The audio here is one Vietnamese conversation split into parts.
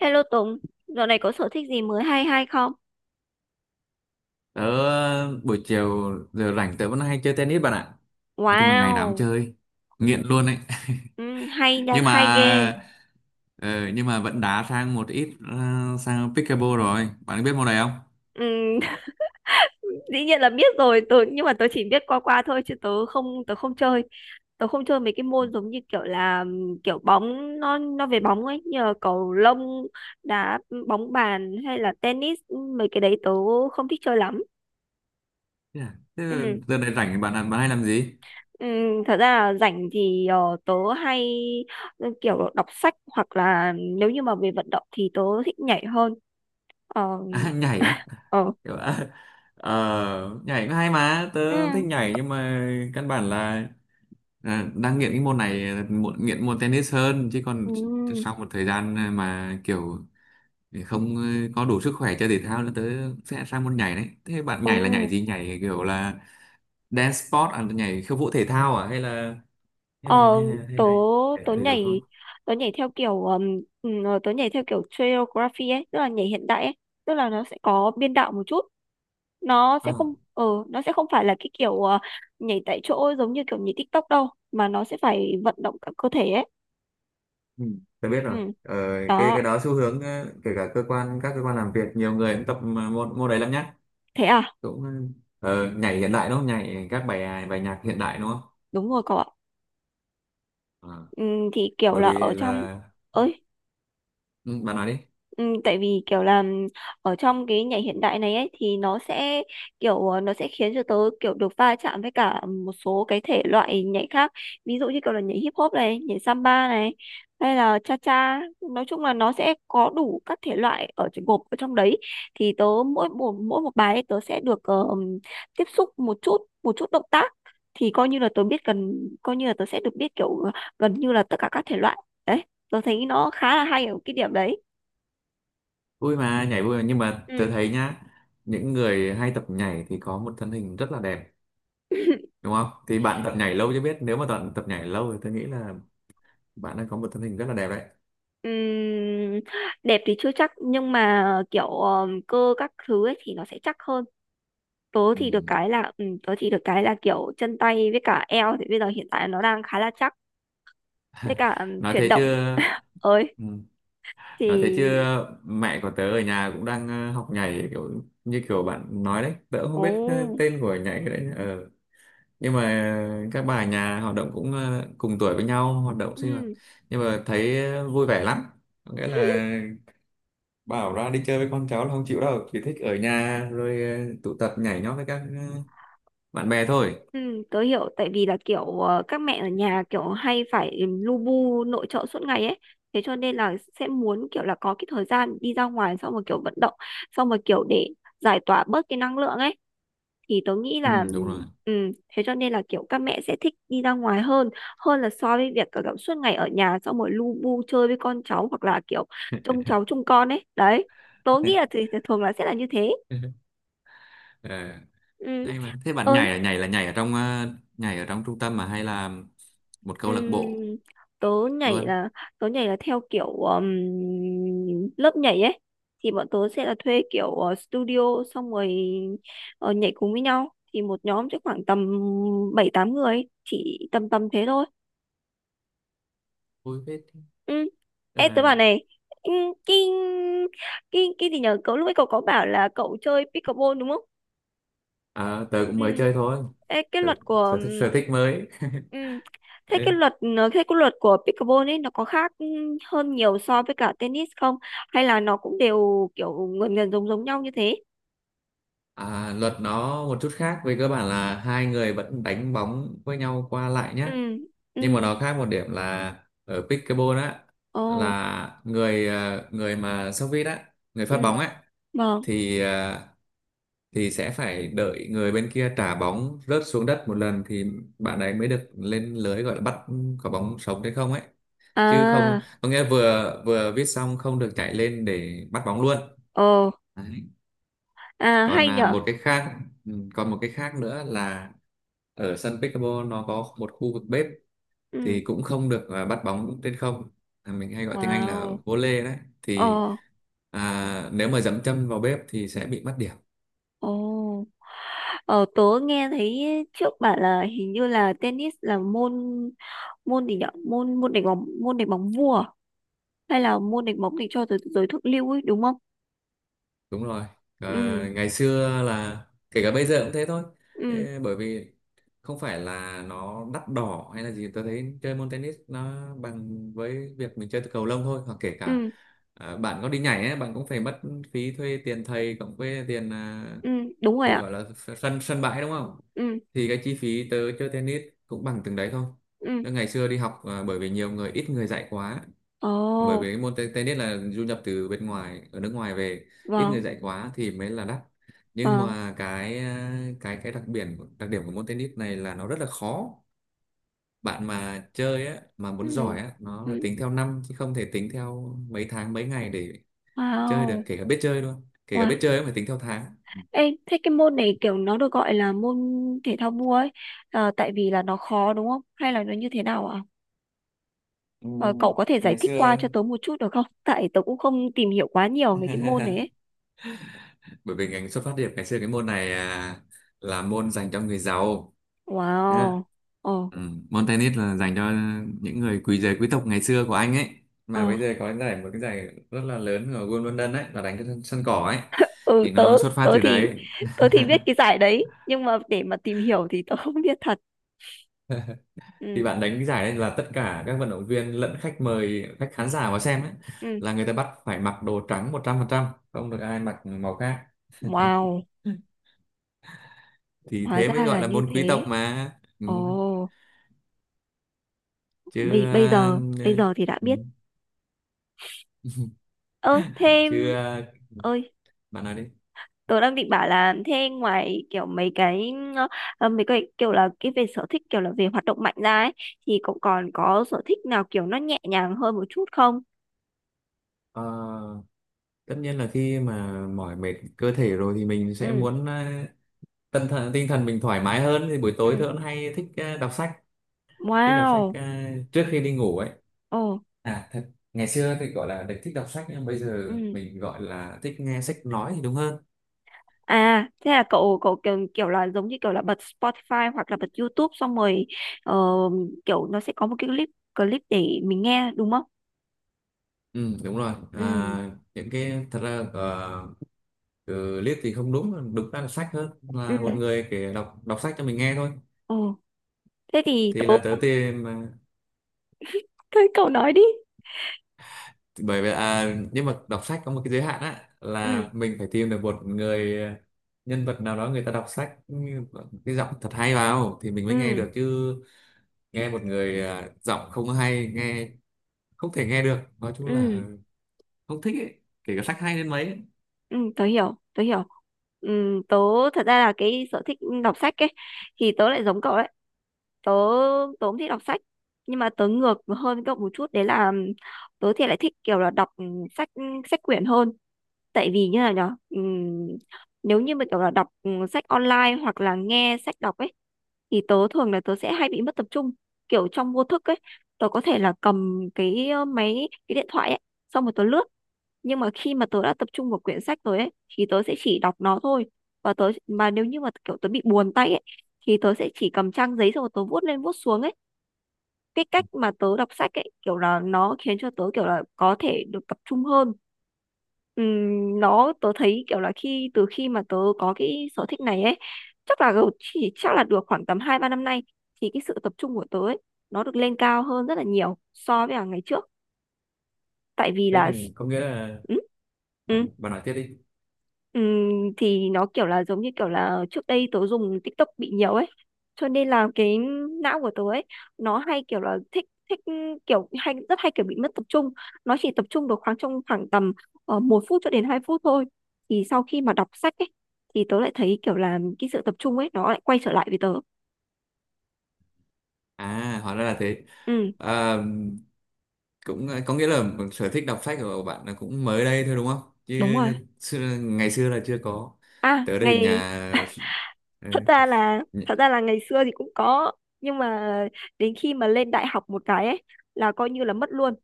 Hello Tùng, dạo này có sở thích gì mới hay hay không? Tớ buổi chiều giờ rảnh tớ vẫn hay chơi tennis bạn ạ. Nói chung là ngày nào cũng Wow, chơi, nghiện luôn ấy. ừ, hay nha, Nhưng hay ghê. mà ờ, nhưng mà vẫn đá sang một ít sang pickleball rồi. Bạn biết môn này không? Ừ, dĩ nhiên là biết rồi, tớ, nhưng mà tớ chỉ biết qua qua thôi chứ tớ không chơi. Tớ không chơi mấy cái môn giống như kiểu là kiểu bóng nó về bóng ấy, như là cầu lông, đá bóng bàn hay là tennis, mấy cái đấy tớ không thích chơi lắm. Thế à? Thế Ừ. giờ này rảnh bạn bạn hay làm gì? Ừ, thật ra là rảnh thì tớ hay kiểu đọc sách hoặc là nếu như mà về vận động thì tớ thích nhảy hơn. Ờ. À, nhảy á. Ờ. Kiểu, nhảy cũng hay mà, Ừ. tớ thích nhảy nhưng mà căn bản là, đang nghiện cái môn này, nghiện môn tennis hơn, chứ còn Ừ. sau một thời gian mà kiểu thì không, có đủ sức khỏe chơi thể thao là tớ sẽ sang môn nhảy đấy. Thế bạn Ồ. nhảy là nhảy gì, nhảy kiểu là dance sport à, nhảy khiêu vũ thể thao à, hay là hay là Ờ. hay là hay tớ là thể tớ thể dục thôi? nhảy tớ nhảy theo kiểu tớ nhảy theo kiểu choreography ấy, tức là nhảy hiện đại ấy. Tức là nó sẽ có biên đạo một chút. nó sẽ à, không ờ nó sẽ không phải là cái kiểu nhảy tại chỗ giống như kiểu nhảy TikTok đâu, mà nó sẽ phải vận động cả cơ thể ấy. ừ, tớ biết rồi. Ừ. Ờ, cái Đó. cái đó xu hướng, kể cả cơ quan, các cơ quan làm việc nhiều người cũng tập mà môn môn đấy lắm nhá. Thế à? Cũng, nhảy hiện đại đúng không, nhảy bài nhạc hiện đại đúng không? Đúng rồi cậu ạ. Ờ, Ừ, thì kiểu bởi là ở vì trong. là, Ơi. ừ, bạn nói đi. Ừ, tại vì kiểu là ở trong cái nhảy hiện đại này ấy thì nó sẽ khiến cho tớ kiểu được va chạm với cả một số cái thể loại nhảy khác. Ví dụ như kiểu là nhảy hip hop này, nhảy samba này, hay là cha cha, nói chung là nó sẽ có đủ các thể loại ở trong- gộp ở trong đấy, thì tớ mỗi một bài ấy, tớ sẽ được tiếp xúc một chút, một chút động tác, thì coi như là tớ biết gần, coi như là tớ sẽ được biết kiểu gần như là tất cả các thể loại. Đấy, tớ thấy nó khá là hay ở cái điểm đấy. Vui mà, nhảy vui mà. Nhưng mà tớ Ừ. thấy nhá, những người hay tập nhảy thì có một thân hình rất là đẹp đúng không, thì bạn tập nhảy lâu chứ biết, nếu mà bạn tập nhảy lâu thì tôi nghĩ là bạn đang có một thân hình rất là đẹp đấy. Ừm, Đẹp thì chưa chắc nhưng mà kiểu cơ các thứ ấy thì nó sẽ chắc hơn. Tớ Ừ. thì được cái là tớ thì được cái là kiểu chân tay với cả eo thì bây giờ hiện tại nó đang khá là chắc, với cả Nói chuyển thế chứ. động ấy Ừ. Nói thế chứ, thì. mẹ của tớ ở nhà cũng đang, học nhảy kiểu như kiểu bạn nói đấy, tớ cũng không Ồ. biết tên của nhảy đấy. Ừ. Nhưng mà, các bà ở nhà hoạt động cũng, cùng tuổi với nhau, hoạt động sinh hoạt, ừm, nhưng mà thấy vui vẻ lắm. Có nghĩa là bảo ra đi chơi với con cháu là không chịu đâu, chỉ thích ở nhà rồi, tụ tập nhảy nhót với các, ờ, bạn bè thôi. Tớ hiểu, tại vì là kiểu các mẹ ở nhà kiểu hay phải lu bu nội trợ suốt ngày ấy, thế cho nên là sẽ muốn kiểu là có cái thời gian đi ra ngoài xong rồi kiểu vận động xong rồi kiểu để giải tỏa bớt cái năng lượng ấy thì tớ nghĩ là Ừ, đúng rồi. ừ, thế cho nên là kiểu các mẹ sẽ thích đi ra ngoài hơn, hơn là so với việc kiểu kiểu suốt ngày ở nhà xong rồi lu bu chơi với con cháu hoặc là kiểu trông cháu trông con ấy đấy, tớ nghĩ là thì thường là sẽ là như thế. Ờ, Ừ. hay mà. Thế bạn nhảy Ơi. là nhảy ở trong trung tâm mà, hay là một câu lạc bộ ừm, Tớ nhảy luôn? là, tớ nhảy là theo kiểu lớp nhảy ấy, thì bọn tớ sẽ là thuê kiểu studio xong rồi nhảy cùng với nhau, thì một nhóm sẽ khoảng tầm bảy tám người, chỉ tầm tầm thế thôi. Vui phết. Ừ. Tức Ê, tớ bảo là, này, ừ, cái cái gì nhở, cậu lúc ấy cậu có bảo là cậu chơi pickleball đúng không? ờ, tớ cũng Ừ. mới chơi thôi. Ê, cái Tớ, luật của sở thích sở thích mới. ừ, thế cái Đấy. luật nó- thế cái luật của pickleball ấy nó có khác hơn nhiều so với cả tennis không, hay là nó cũng đều kiểu gần gần giống giống nhau như thế? Luật nó một chút khác, về cơ bản là hai người vẫn đánh bóng với nhau qua lại nhé, Ừ. Ừ. nhưng mà nó khác một điểm là, ở pickleball á, Ồ. là người mà sốc vít á, người Ừ. phát bóng á, Vâng. thì thì sẽ phải đợi người bên kia trả bóng rớt xuống đất một lần thì bạn ấy mới được lên lưới, gọi là bắt quả bóng sống hay không ấy, chứ không À. có nghĩa vừa vừa viết xong không được chạy lên để bắt bóng luôn. Ồ. Đấy. À Còn, hay à, nhở. một cái khác ừ, còn một cái khác nữa là, ở sân pickleball nó có một khu vực bếp, thì Ừ. cũng không được bắt bóng trên không. À, mình hay gọi tiếng Anh Wow. là vô lê đấy, Ồ. thì, nếu mà dẫm chân vào bếp thì sẽ bị mất điểm. Ồ. Ờ, tớ nghe thấy trước bảo là hình như là tennis là môn, môn gì nhở, môn môn đánh bóng, môn đánh bóng vua à? Hay là môn đánh bóng để cho giới, giới thượng lưu ấy đúng không? Đúng rồi. Ừ. Ngày xưa là, kể cả bây giờ cũng thế thôi. Ừ. Ê, bởi vì không phải là nó đắt đỏ hay là gì, tôi thấy chơi môn tennis nó bằng với việc mình chơi cầu lông thôi, hoặc kể cả, Ừ. Bạn có đi nhảy ấy, bạn cũng phải mất phí thuê tiền thầy, cộng với tiền, Ừ. Đúng rồi tiền ạ. gọi là sân sân bãi đúng không, Ừ. thì cái chi phí tớ chơi tennis cũng bằng từng đấy thôi. Ừ. Tớ ngày xưa đi học, bởi vì nhiều người ít người dạy quá, bởi vì Ồ. cái môn tennis là du nhập từ bên ngoài, ở nước ngoài về, ít người Vâng. dạy quá thì mới là đắt. Nhưng Vâng. mà cái, đặc đặc điểm của môn tennis này là nó rất là khó. Bạn mà chơi á, mà muốn Ừ. giỏi á, nó là Ừ. tính theo năm, chứ không thể tính theo mấy tháng mấy ngày để chơi được, Wow. kể cả biết chơi luôn, kể cả Wow. biết chơi cũng phải tính theo tháng. Ê, thế cái môn này kiểu nó được gọi là môn thể thao vua ấy, tại vì là nó khó đúng không? Hay là nó như thế nào ạ? Ừ, Ờ, cậu có thể giải ngày thích qua xưa cho tớ một chút được không? Tại tớ cũng không tìm hiểu quá nhiều về cái môn này ấy. bởi vì ngành xuất phát điểm ngày xưa, cái môn này, là môn dành cho người giàu. Wow. Ờ. Ừ, môn tennis là dành cho những người giới quý tộc ngày xưa của Anh ấy, Ờ. mà bây giờ có một cái giải rất là lớn ở Wimbledon London ấy, là đánh trên sân sân cỏ ấy, Ừ, thì nó tớ, xuất phát tớ từ thì, đấy. tớ thì biết cái giải đấy. Nhưng mà để mà tìm hiểu thì tớ không biết thật. Thì Ừ. bạn đánh cái giải đấy, là tất cả các vận động viên lẫn khách mời, khách khán giả vào xem ấy, Ừ. là người ta bắt phải mặc đồ trắng 100%, không được ai mặc màu khác, Wow, thì hóa thế mới ra gọi là là như môn quý tộc thế. mà. Ừ. Ồ, Chứ, bây, bây giờ, bây ừ. giờ thì đã Ừ, biết. Ơ, chứ, thêm... Ơi, bạn nói đi. tớ đang định bảo là thế ngoài kiểu mấy cái mấy cái kiểu là cái về sở thích kiểu là về hoạt động mạnh ra ấy, thì cậu còn có sở thích nào kiểu nó nhẹ nhàng hơn một chút không? Ờ, tất nhiên là khi mà mỏi mệt cơ thể rồi thì mình sẽ Ừ. muốn, tinh thần mình thoải mái hơn, thì buổi Ừ. tối tôi cũng hay thích, đọc sách. Thích đọc sách, Wow. Trước khi đi ngủ ấy. Ồ. Thật, ngày xưa thì gọi là được thích đọc sách, nhưng bây giờ Ừ. mình gọi là thích nghe sách nói thì đúng hơn. À thế là cậu cậu kiểu kiểu là giống như kiểu là bật Spotify hoặc là bật YouTube xong rồi ờ, kiểu nó sẽ có một cái clip, clip để mình nghe đúng không? Ừ đúng rồi. Ừ. Những cái thật ra, từ liếc thì không đúng đúng ra là sách, hơn Ừ. là một người kể đọc đọc sách cho mình nghe thôi. Ồ. Thế thì tớ Thì là tớ cũng tìm, thấy cậu nói đi. bởi vì, nhưng mà đọc sách có một cái giới hạn á, Ừ. là mình phải tìm được một người, nhân vật nào đó người ta đọc sách cái giọng thật hay vào thì mình mới nghe Ừ. được, chứ nghe một người, giọng không hay nghe, không thể nghe được, nói chung Ừ. là không thích ấy, kể cả sách hay đến mấy ấy. Ừ, tớ hiểu, tớ hiểu. Ừ, tớ thật ra là cái sở thích đọc sách ấy thì tớ lại giống cậu đấy. Tớ, tớ cũng thích đọc sách nhưng mà tớ ngược hơn cậu một chút, đấy là tớ thì lại thích kiểu là đọc sách, sách quyển hơn. Tại vì như là nhở, ừ, nếu như mà kiểu là đọc sách online hoặc là nghe sách đọc ấy, thì tớ thường là tớ sẽ hay bị mất tập trung kiểu trong vô thức ấy. Tớ có thể là cầm cái máy, cái điện thoại ấy xong rồi tớ lướt. Nhưng mà khi mà tớ đã tập trung vào quyển sách rồi ấy thì tớ sẽ chỉ đọc nó thôi. Và tớ mà nếu như mà kiểu tớ bị buồn tay ấy thì tớ sẽ chỉ cầm trang giấy xong rồi tớ vuốt lên vuốt xuống ấy. Cái cách mà tớ đọc sách ấy kiểu là nó khiến cho tớ kiểu là có thể được tập trung hơn. Nó tớ thấy kiểu là khi từ khi mà tớ có cái sở thích này ấy, chắc là gầu- chỉ chắc là được khoảng tầm hai ba năm nay, thì cái sự tập trung của tớ ấy nó được lên cao hơn rất là nhiều so với cả ngày trước, tại vì Thế là nên có nghĩa là, ừ, ừ. bạn bạn nói tiếp đi. Ừm, thì nó kiểu là giống như kiểu là trước đây tớ dùng TikTok bị nhiều ấy, cho nên là cái não của tớ ấy nó hay kiểu là thích, thích kiểu hay rất hay kiểu bị mất tập trung, nó chỉ tập trung được khoảng trong khoảng tầm một phút cho đến 2 phút thôi. Thì sau khi mà đọc sách ấy thì tớ lại thấy kiểu là cái sự tập trung ấy nó lại quay trở lại với tớ. Hóa ra là thế. Ừ. Cũng, có nghĩa là sở thích đọc sách của bạn là cũng mới đây thôi đúng không, chứ Đúng rồi. Ngày xưa là chưa có, À tới đây ngày, nhà, ờ, thật ra là nh- thật ra là ngày xưa thì cũng có, nhưng mà đến khi mà lên đại học một cái ấy là coi như là mất luôn.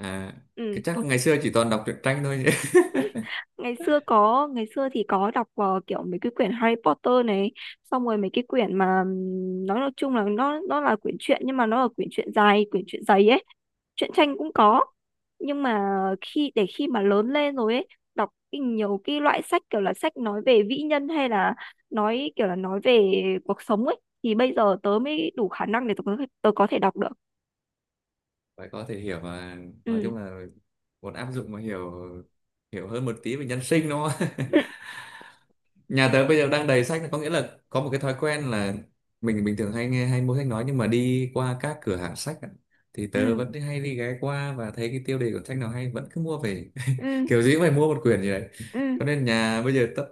à, Ừ. cái chắc là ngày xưa chỉ toàn đọc truyện tranh thôi nhỉ? Ngày xưa có, ngày xưa thì có đọc kiểu mấy cái quyển Harry Potter này, xong rồi mấy cái quyển mà nói chung là nó là quyển truyện nhưng mà nó là quyển truyện dài, quyển truyện dày ấy. Truyện tranh cũng có, nhưng mà khi để khi mà lớn lên rồi ấy, đọc cái nhiều cái loại sách kiểu là sách nói về vĩ nhân hay là nói kiểu là nói về cuộc sống ấy, thì bây giờ tớ mới đủ khả năng để tớ có thể đọc được. Phải có thể hiểu mà, nói Ừ. chung là muốn áp dụng mà hiểu hiểu hơn một tí về nhân sinh đúng không. Nhà tớ bây giờ đang đầy sách, có nghĩa là có một cái thói quen là, mình bình thường hay nghe hay mua sách nói, nhưng mà đi qua các cửa hàng sách ạ, thì tớ Ừ. vẫn hay đi ghé qua, và thấy cái tiêu đề của sách nào hay vẫn cứ mua về. Ừ. Kiểu gì cũng phải mua một quyển gì đấy, Ừ. Ừ. cho nên nhà bây giờ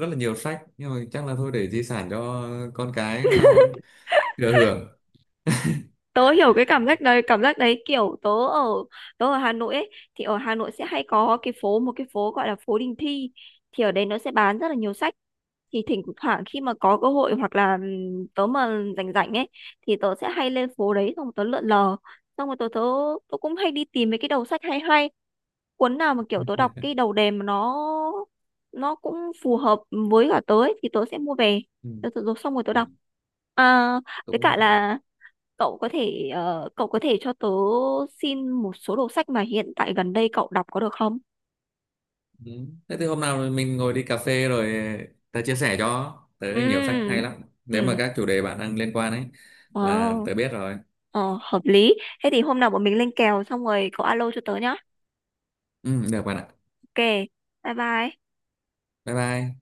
rất là nhiều sách, nhưng mà chắc là thôi, để di sản cho con cái sau thừa hưởng. Tớ hiểu cái cảm giác đấy, cảm giác đấy kiểu tớ ở, tớ ở Hà Nội ấy thì ở Hà Nội sẽ hay có cái phố, một cái phố gọi là phố Đình Thi. Thì ở đấy nó sẽ bán rất là nhiều sách. Thì thỉnh thoảng khi mà có cơ hội hoặc là tớ mà rảnh rảnh ấy, thì tớ sẽ hay lên phố đấy xong tớ lượn lờ, xong rồi tớ tớ tớ cũng hay đi tìm mấy cái đầu sách hay hay, cuốn nào mà kiểu tớ đọc cái đầu đề mà nó cũng phù hợp với cả tớ ấy, thì tớ sẽ mua về. Ừ. Tớ xong rồi tớ Ừ. đọc. À, với Cũng là, cả là cậu có thể cậu có thể cho tớ xin một số đầu sách mà hiện tại gần đây cậu đọc có được không? ừ. Thế thì hôm nào mình ngồi đi cà phê rồi tớ chia sẻ cho, tớ nhiều sách hay Ừ. lắm nếu mà Ừ. các chủ đề bạn đang liên quan ấy, là Wow. tớ biết rồi. Ờ, hợp lý. Thế thì hôm nào bọn mình lên kèo xong rồi cậu alo cho tớ nhá. Ừ, được bạn ạ. Ok. Bye bye. Bye bye.